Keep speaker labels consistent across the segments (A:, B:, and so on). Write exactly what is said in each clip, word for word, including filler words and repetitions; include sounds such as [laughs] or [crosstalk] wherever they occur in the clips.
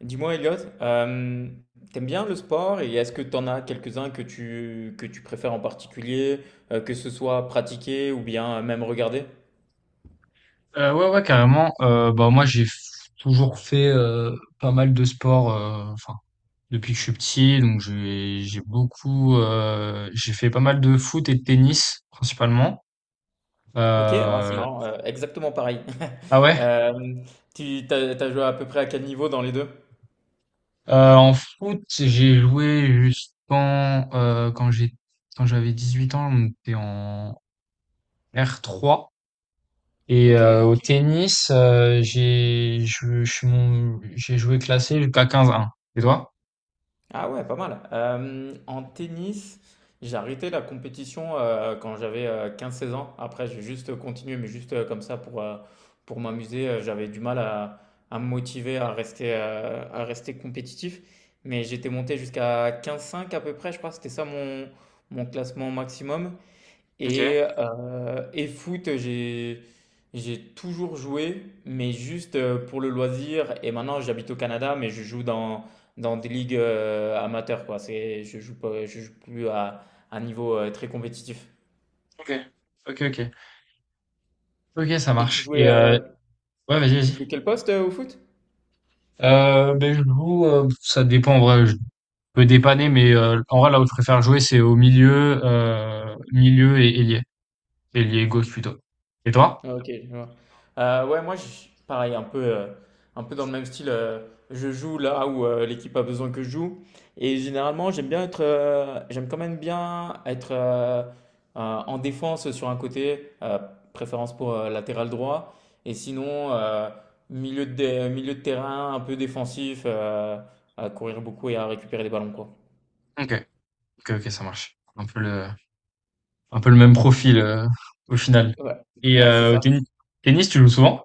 A: Dis-moi, Elliot, euh, t'aimes bien le sport et est-ce que t'en as quelques-uns que tu, que tu préfères en particulier, euh, que ce soit pratiquer ou bien même regarder?
B: Euh, ouais, ouais, carrément. Euh, bah, moi, j'ai f- toujours fait euh, pas mal de sport euh, enfin, depuis que je suis petit. Donc, j'ai j'ai beaucoup. Euh, j'ai fait pas mal de foot et de tennis, principalement.
A: Ok, ouais, c'est
B: Euh,
A: marrant, euh, exactement pareil. [laughs]
B: ah ouais?
A: Euh, tu t'as, t'as joué à peu près à quel niveau dans les deux?
B: Euh, en foot, j'ai joué jusqu'en. Euh, quand j'ai, quand j'avais dix huit ans, on était en R trois. Et
A: Ok.
B: euh, au tennis, euh, j'ai je, je suis mon- j'ai joué classé jusqu'à quinze un. Et toi?
A: Ah ouais, pas mal. Euh, en tennis, j'ai arrêté la compétition euh, quand j'avais euh, quinze seize ans. Après, j'ai juste continué, mais juste euh, comme ça pour, euh, pour m'amuser. Euh, J'avais du mal à, à me motiver à rester, euh, à rester compétitif. Mais j'étais monté jusqu'à quinze cinq à peu près, je crois. C'était ça mon, mon classement maximum.
B: Ok,
A: Et, euh, et foot, j'ai, j'ai toujours joué, mais juste euh, pour le loisir. Et maintenant, j'habite au Canada, mais je joue dans, dans des ligues euh, amateurs, quoi. C'est, je joue pas, je joue plus à un niveau euh, très compétitif.
B: ok. Ok, ok. Ok, ça
A: Et tu
B: marche.
A: jouais,
B: Et euh,
A: euh,
B: ouais, vas-y,
A: tu
B: vas-y.
A: jouais quel poste euh, au foot?
B: Euh, ben, je joue, euh, ça dépend en vrai, je peux dépanner, mais euh, en vrai, là où je préfère jouer, c'est au milieu, euh, milieu et ailier. Ailier gauche plutôt. Et toi?
A: Ah, ok, je vois. Euh, ouais, moi, je, pareil, un peu, euh, un peu dans le même style. Euh, je joue là où euh, l'équipe a besoin que je joue. Et généralement, j'aime bien être, euh, j'aime quand même bien être euh, euh, en défense sur un côté, euh, préférence pour euh, latéral droit. Et sinon, euh, milieu de, dé- milieu de terrain, un peu défensif, euh, à courir beaucoup et à récupérer les ballons, quoi.
B: Ok, ok, ok, ça marche. Un peu le, un peu le même profil euh, au final.
A: Ouais,
B: Et
A: ouais, c'est
B: euh, au
A: ça.
B: tennis, tennis, tu joues souvent?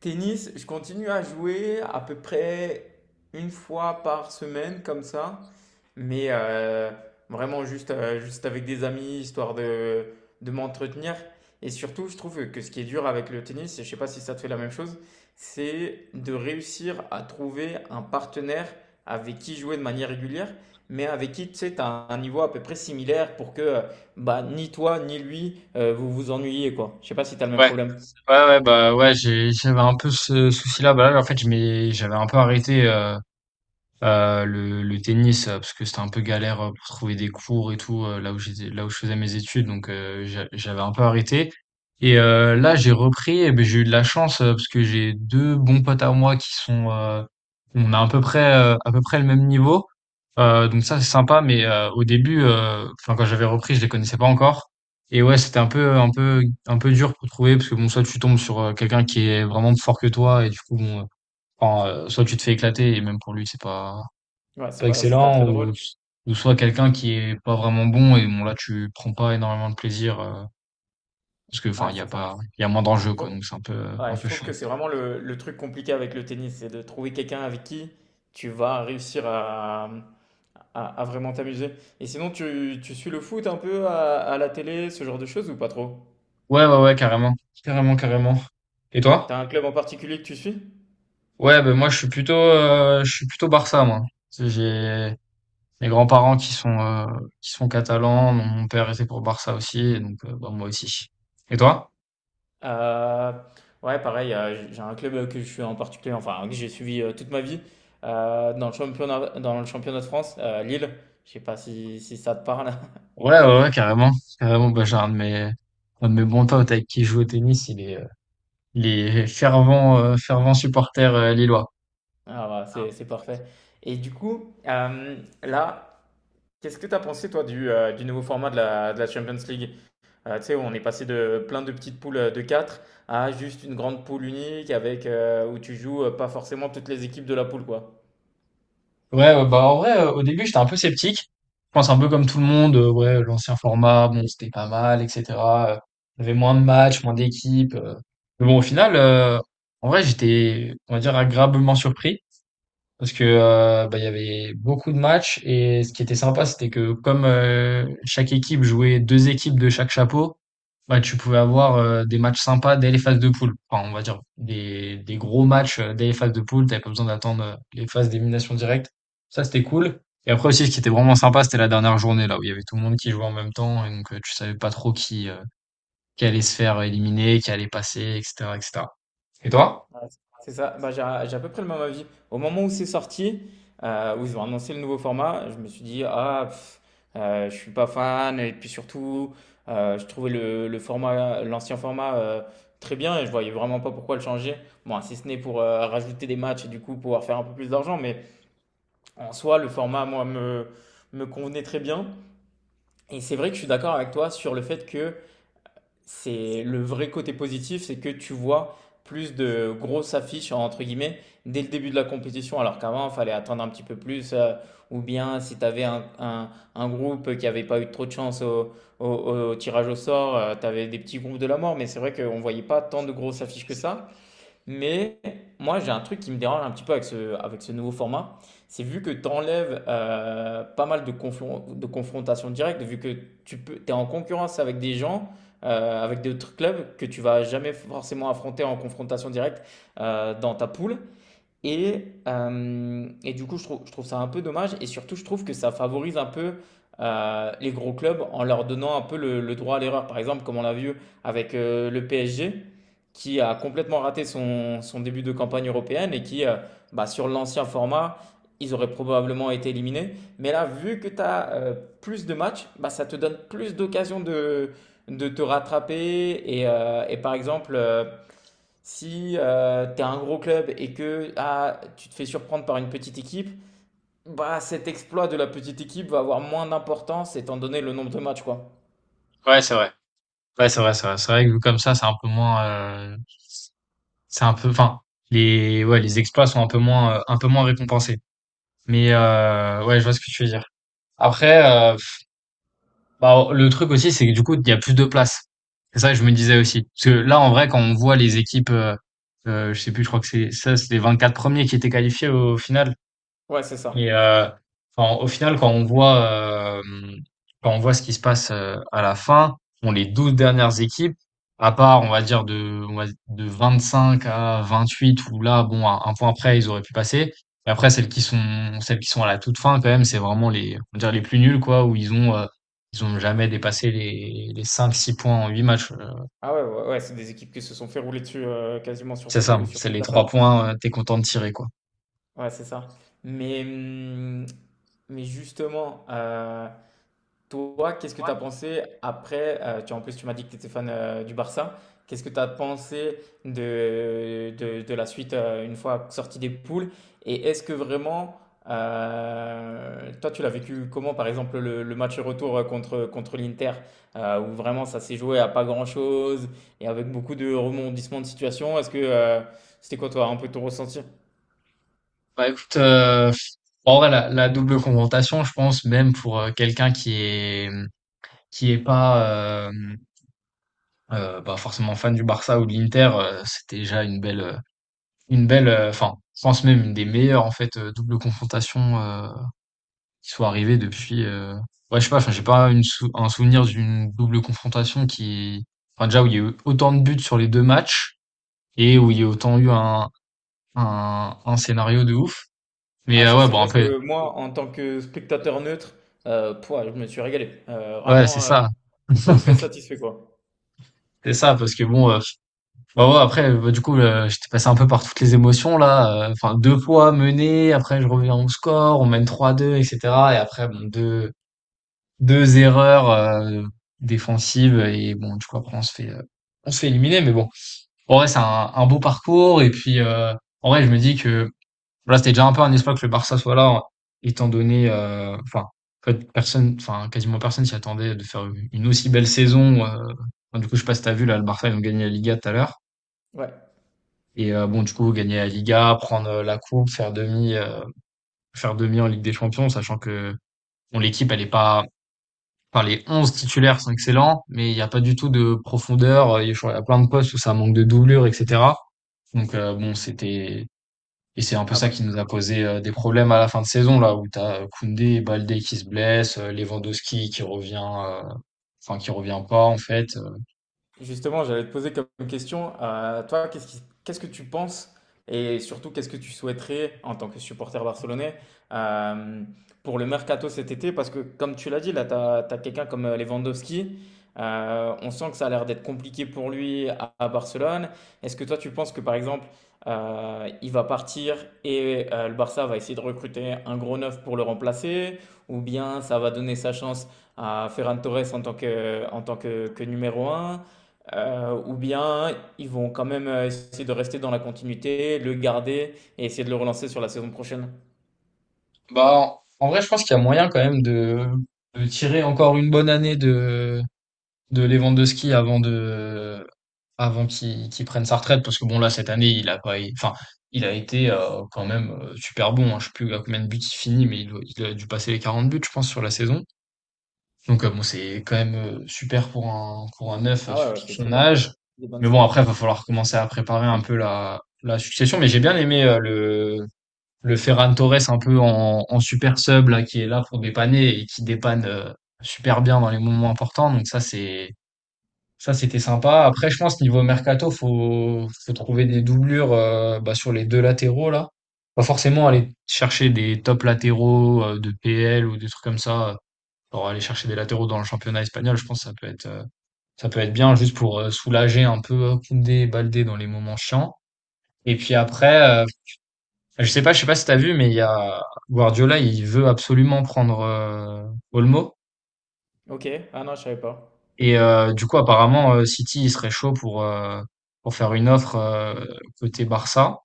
A: Tennis, je continue à jouer à peu près une fois par semaine comme ça, mais euh, vraiment juste, euh, juste avec des amis, histoire de, de m'entretenir. Et surtout, je trouve que ce qui est dur avec le tennis, et je ne sais pas si ça te fait la même chose, c'est de réussir à trouver un partenaire avec qui jouer de manière régulière, mais avec qui tu sais, tu as un niveau à peu près similaire pour que euh, bah, ni toi ni lui euh, vous vous ennuyez, quoi. Je ne sais pas si tu as le même
B: Ouais,
A: problème.
B: ouais, ouais, bah ouais, j'ai- j'avais un peu ce souci-là. Bah là, en fait, je m'ai- j'avais un peu arrêté. euh, Euh, le, le tennis, euh, parce que c'était un peu galère euh, pour trouver des cours et tout, euh, là où j'étais, là où je faisais mes études, donc euh, j'a- j'avais un peu arrêté. Et euh, là, j'ai repris, et ben, j'ai eu de la chance, euh, parce que j'ai deux bons potes à moi qui sont, euh, on a à peu près, euh, à peu près le même niveau. Euh, donc ça, c'est sympa, mais euh, au début, euh, enfin, quand j'avais repris, je les connaissais pas encore. Et ouais, c'était un peu, un peu, un peu dur pour trouver, parce que bon, soit tu tombes sur euh, quelqu'un qui est vraiment plus fort que toi, et du coup, bon, euh, enfin, euh, soit tu te fais éclater, et même pour lui, c'est pas,
A: Ouais, c'est
B: pas
A: pas, c'est pas
B: excellent
A: très
B: ou,
A: drôle.
B: ou soit quelqu'un qui est pas vraiment bon et bon là tu prends pas énormément de plaisir euh, parce que enfin
A: Ouais,
B: il y a
A: c'est ça.
B: pas il y a moins d'enjeux
A: Je
B: quoi
A: trou-
B: donc c'est un peu
A: ouais,
B: un
A: je
B: peu
A: trouve
B: chiant.
A: que c'est vraiment le, le truc compliqué avec le tennis, c'est de trouver quelqu'un avec qui tu vas réussir à, à- à vraiment t'amuser. Et sinon, tu, tu suis le foot un peu à, à la télé, ce genre de choses ou pas trop?
B: Ouais, ouais, ouais, carrément, carrément, carrément. Et toi?
A: T'as un club en particulier que tu suis?
B: Ouais, ben moi je suis plutôt euh, je suis plutôt Barça moi. Tu sais, j'ai mes grands-parents qui sont euh, qui sont catalans, mon mon père était pour Barça aussi et donc euh, bah, moi aussi. Et toi?
A: Euh, ouais, pareil, euh, j- j'ai un club que je suis en particulier, enfin, que j'ai suivi euh, toute ma vie, euh, dans le championnat, dans le championnat de France, euh, Lille. Je sais pas si, si ça te parle. [laughs]
B: Ouais, ouais, ouais, carrément, carrément. Bah, j'ai un de mes un de mes bons potes avec qui je joue au tennis il est Il est fervent, euh, fervent supporter euh, lillois.
A: Ah, bah, c'est c'est parfait. Et du coup, euh, là, qu'est-ce que tu as pensé, toi, du, euh, du nouveau format de la, de la Champions League? Euh, tu sais, on est passé de plein de petites poules euh, de quatre à juste une grande poule unique avec euh, où tu joues euh, pas forcément toutes les équipes de la poule, quoi.
B: Ouais, ouais, bah en vrai, euh, au début, j'étais un peu sceptique. Je pense un peu comme tout le monde, euh, ouais, l'ancien format, bon, c'était pas mal, et cetera. Euh, Il y avait moins de matchs, moins d'équipes. euh. Mais bon, au final, euh, en vrai, j'étais, on va dire, agréablement surpris. Parce que euh, bah, il y avait beaucoup de matchs et ce qui était sympa, c'était que comme euh, chaque équipe jouait deux équipes de chaque chapeau, bah, tu pouvais avoir euh, des matchs sympas dès les phases de poule. Enfin, on va dire des, des gros matchs euh, dès les phases de poule. T'avais pas besoin d'attendre euh, les phases d'élimination directe. Ça, c'était cool. Et après aussi, ce qui était vraiment sympa, c'était la dernière journée là où il y avait tout le monde qui jouait en même temps et donc euh, tu savais pas trop qui euh, qui allait se faire éliminer, qui allait passer, et cetera, et cetera. Et cetera. Et toi?
A: Ouais, c'est ça, bah, j'ai j'ai à peu près le même avis. Au moment où c'est sorti, euh, où ils ont annoncé le nouveau format, je me suis dit, ah, pff, euh, je suis pas fan, et puis surtout, euh, je trouvais le, le format, l'ancien format euh, très bien, et je voyais vraiment pas pourquoi le changer. Bon, si ce n'est pour euh, rajouter des matchs et du coup pouvoir faire un peu plus d'argent, mais. En soi, le format, moi, me, me convenait très bien. Et c'est vrai que je suis d'accord avec toi sur le fait que c'est le vrai côté positif, c'est que tu vois plus de grosses affiches, entre guillemets, dès le début de la compétition, alors qu'avant, il fallait attendre un petit peu plus, euh, ou bien si tu avais un, un- un groupe qui n'avait pas eu trop de chance au, au- au tirage au sort, tu avais des petits groupes de la mort, mais c'est vrai qu'on ne voyait pas tant de grosses affiches que ça. Mais moi, j'ai un truc qui me dérange un petit peu avec ce, avec ce nouveau format. C'est vu que tu enlèves euh, pas mal de, confron- de confrontations directes, vu que tu peux, es en concurrence avec des gens, euh, avec d'autres clubs que tu vas jamais forcément affronter en confrontation directe euh, dans ta poule. Et, euh, et du coup, je trouve, je trouve ça un peu dommage. Et surtout, je trouve que ça favorise un peu euh, les gros clubs en leur donnant un peu le, le droit à l'erreur. Par exemple, comme on l'a vu avec euh, le P S G, qui a complètement raté son, son début de campagne européenne et qui, euh, bah, sur l'ancien format, ils auraient probablement été éliminés. Mais là, vu que tu as plus de matchs, bah, ça te donne plus d'occasions de, de te rattraper. Et, euh, et par exemple, euh, si euh, t'es un gros club et que ah, tu te fais surprendre par une petite équipe, bah cet exploit de la petite équipe va avoir moins d'importance étant donné le nombre de matchs, quoi.
B: Ouais, c'est vrai. Ouais, c'est vrai, c'est vrai. C'est vrai que vu comme ça, c'est un peu moins. Euh, C'est un peu, enfin, les, ouais, les exploits sont un peu moins, euh, un peu moins récompensés. Mais euh, ouais, je vois ce que tu veux dire. Après, euh, pff, bah, le truc aussi, c'est que du coup, il y a plus de place. C'est ça que je me disais aussi. Parce que là, en vrai, quand on voit les équipes, euh, euh, je sais plus, je crois que c'est ça, c'est les vingt-quatre premiers qui étaient qualifiés au final.
A: Ouais, c'est ça.
B: Et euh, enfin, au final, quand on voit, euh, quand on voit ce qui se passe euh, à la fin, bon, les douze dernières équipes, à part, on va dire, de, on va- de vingt-cinq à vingt-huit, où là, bon, un, un point près, ils auraient pu passer. Et après, celles qui sont, celles qui sont à la toute fin, quand même, c'est vraiment les, on va dire, les plus nuls, quoi, où ils ont, euh, ils ont jamais dépassé les, les cinq six points en huit matchs. Euh,
A: Ah ouais, ouais, ouais, c'est des équipes qui se sont fait rouler dessus euh, quasiment sur,
B: C'est
A: tout-
B: ça,
A: sur
B: c'est
A: toute
B: les
A: la
B: trois
A: phase.
B: points, euh, t'es content de tirer, quoi.
A: Ouais, c'est ça. Mais, hum, mais justement, euh, toi, qu'est-ce que tu as pensé après euh, tu, en plus, tu m'as dit que tu étais fan euh, du Barça. Qu'est-ce que tu as pensé de, de, de la suite euh, une fois sorti des poules? Et est-ce que vraiment, euh, toi, tu l'as vécu comment, par exemple, le, le match retour euh, contre, contre l'Inter, euh, où vraiment ça s'est joué à pas grand-chose et avec beaucoup de rebondissements de situation? Est-ce que euh, c'était quoi, toi, un peu ton ressenti?
B: Bah écoute, euh, en vrai, la, la double confrontation, je pense, même pour euh, quelqu'un qui est qui est pas euh, euh, bah, forcément fan du Barça ou de l'Inter, euh, c'était déjà une belle euh, une belle, euh, enfin, je pense même une des meilleures en fait euh, double confrontation euh, qui soit arrivée depuis. euh, Ouais, je sais pas, enfin, j'ai pas une sou- un souvenir d'une double confrontation qui, enfin, déjà où il y a eu autant de buts sur les deux matchs et où il y a autant eu un un, un scénario de ouf. Mais
A: Ah,
B: euh,
A: ça,
B: ouais,
A: c'est
B: bon, un
A: vrai
B: peu,
A: que moi, en tant que spectateur neutre, euh, pouah, je me suis régalé. Euh,
B: ouais, c'est
A: vraiment. euh,
B: ça.
A: Très, très
B: [laughs]
A: satisfait, quoi.
B: C'est ça, parce que bon, euh, bah ouais, après, bah, du coup, euh, j'étais passé un peu par toutes les émotions là. euh, Enfin, deux fois mené, après je reviens au score, on mène trois à deux, et cetera. Et cetera. Et après, bon, deux, deux erreurs euh, défensives et bon, du coup après on se fait, euh, on se fait éliminer. Mais bon, en vrai, c'est un, un beau parcours. Et puis, euh, en vrai, je me dis que voilà, c'était déjà un peu un espoir que le Barça soit là, hein, étant donné, heu, enfin, en fait, personne, enfin, quasiment personne s'y attendait de faire u une aussi belle saison, heu, enfin, du coup, je sais pas si tu vu là, le Barça, ils ont gagné la Liga tout à l'heure
A: Ouais.
B: et heu, bon, du coup, gagner la Liga, prendre, heu, la coupe, faire demi, heu, faire demi en Ligue des Champions, sachant que, bon, l'équipe, elle est pas enfin, les onze titulaires sont excellents, mais il y a pas du tout de profondeur, heu, il y a plein de postes où ça manque de doublure et cetera. Donc heu, bon, c'était et c'est un peu
A: Ah
B: ça qui
A: bah.
B: nous a posé euh, des problèmes à la fin de saison, là, où t'as euh, Koundé et Baldé qui se blessent, euh, Lewandowski qui revient, euh, enfin, qui revient pas, en fait. Euh,
A: Justement, j'allais te poser comme question, euh, toi, qu'est-ce qui- qu'est-ce que tu penses et surtout qu'est-ce que tu souhaiterais en tant que supporter barcelonais euh, pour le mercato cet été? Parce que comme tu l'as dit, là, tu as, quelqu'un comme euh, Lewandowski, euh, on sent que ça a l'air d'être compliqué pour lui à, à Barcelone. Est-ce que toi, tu penses que par exemple, euh, il va partir et euh, le Barça va essayer de recruter un gros neuf pour le remplacer? Ou bien ça va donner sa chance à Ferran Torres en tant que, en tant que que numéro un euh, ou bien ils vont quand même euh, essayer de rester dans la continuité, le garder et essayer de le relancer sur la saison prochaine.
B: Bah, en, en vrai, je pense qu'il y a moyen quand même de, de tirer encore une bonne année de, de Lewandowski avant de, avant qu'il qu'il prenne sa retraite, parce que bon, là, cette année, il a pas, il- enfin, il a été euh, quand même euh, super bon, hein. Je sais plus à combien de buts il finit, mais il, doit- il a dû passer les quarante buts, je pense, sur la saison. Donc euh, bon, c'est quand même euh, super pour un pour un neuf euh,
A: Ah ouais, ouais,
B: surtout
A: c'est
B: de
A: très
B: son
A: bon.
B: âge.
A: Des bonnes
B: Mais bon,
A: stats.
B: après, va falloir commencer à préparer un peu la la succession. Mais j'ai bien aimé euh, le le Ferran Torres un peu en, en super sub là qui est là pour dépanner et qui dépanne euh, super bien dans les moments importants. Donc ça c'est ça c'était sympa. Après, je pense niveau mercato, faut faut trouver des doublures euh, bah, sur les deux latéraux là. Pas forcément aller chercher des top latéraux euh, de P L ou des trucs comme ça euh, pour aller chercher des latéraux dans le championnat espagnol, je pense que ça peut être, euh, ça peut être bien juste pour euh, soulager un peu euh, Koundé et Baldé dans les moments chiants. Et puis après, euh, je sais pas, je sais pas si t'as vu, mais il y a Guardiola, il veut absolument prendre euh, Olmo.
A: Ok, ah non, je savais pas.
B: Et euh, du coup, apparemment, euh, City, il serait chaud pour euh, pour faire une offre euh, côté Barça.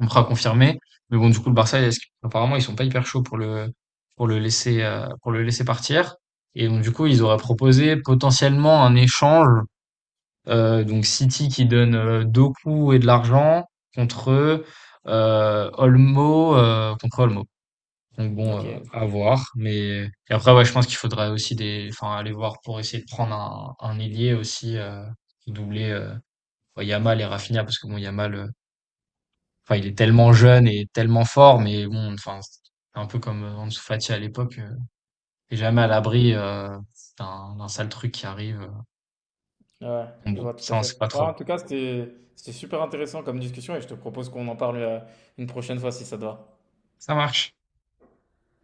B: On pourra confirmer. Mais bon, du coup, le Barça, est-ce qu'- apparemment, ils sont pas hyper chauds pour le pour le laisser euh, pour le laisser partir. Et donc, du coup, ils auraient proposé potentiellement un échange. Euh, donc City qui donne euh, Doku et de l'argent contre euh, Olmo, euh, contre Olmo. Donc bon,
A: Ok,
B: euh, à voir. Mais et après, ouais, je pense qu'il faudrait aussi des, enfin, aller voir pour essayer de prendre un, un ailier aussi, euh, pour doubler euh, ouais, Yamal et Rafinha, parce que bon, Yamal, euh, enfin, il est tellement jeune et tellement fort, mais bon, enfin, c'est un peu comme euh, Ansu Fati à l'époque, euh, t'es jamais à l'abri euh, d'un d'un sale truc qui arrive. euh.
A: ouais,
B: Bon,
A: je
B: bon,
A: vois tout
B: ça
A: à
B: on sait
A: fait.
B: pas
A: Ouais,
B: trop.
A: en tout cas, c'était c'était super intéressant comme discussion et je te propose qu'on en parle euh, une prochaine fois si ça te va.
B: Ça marche.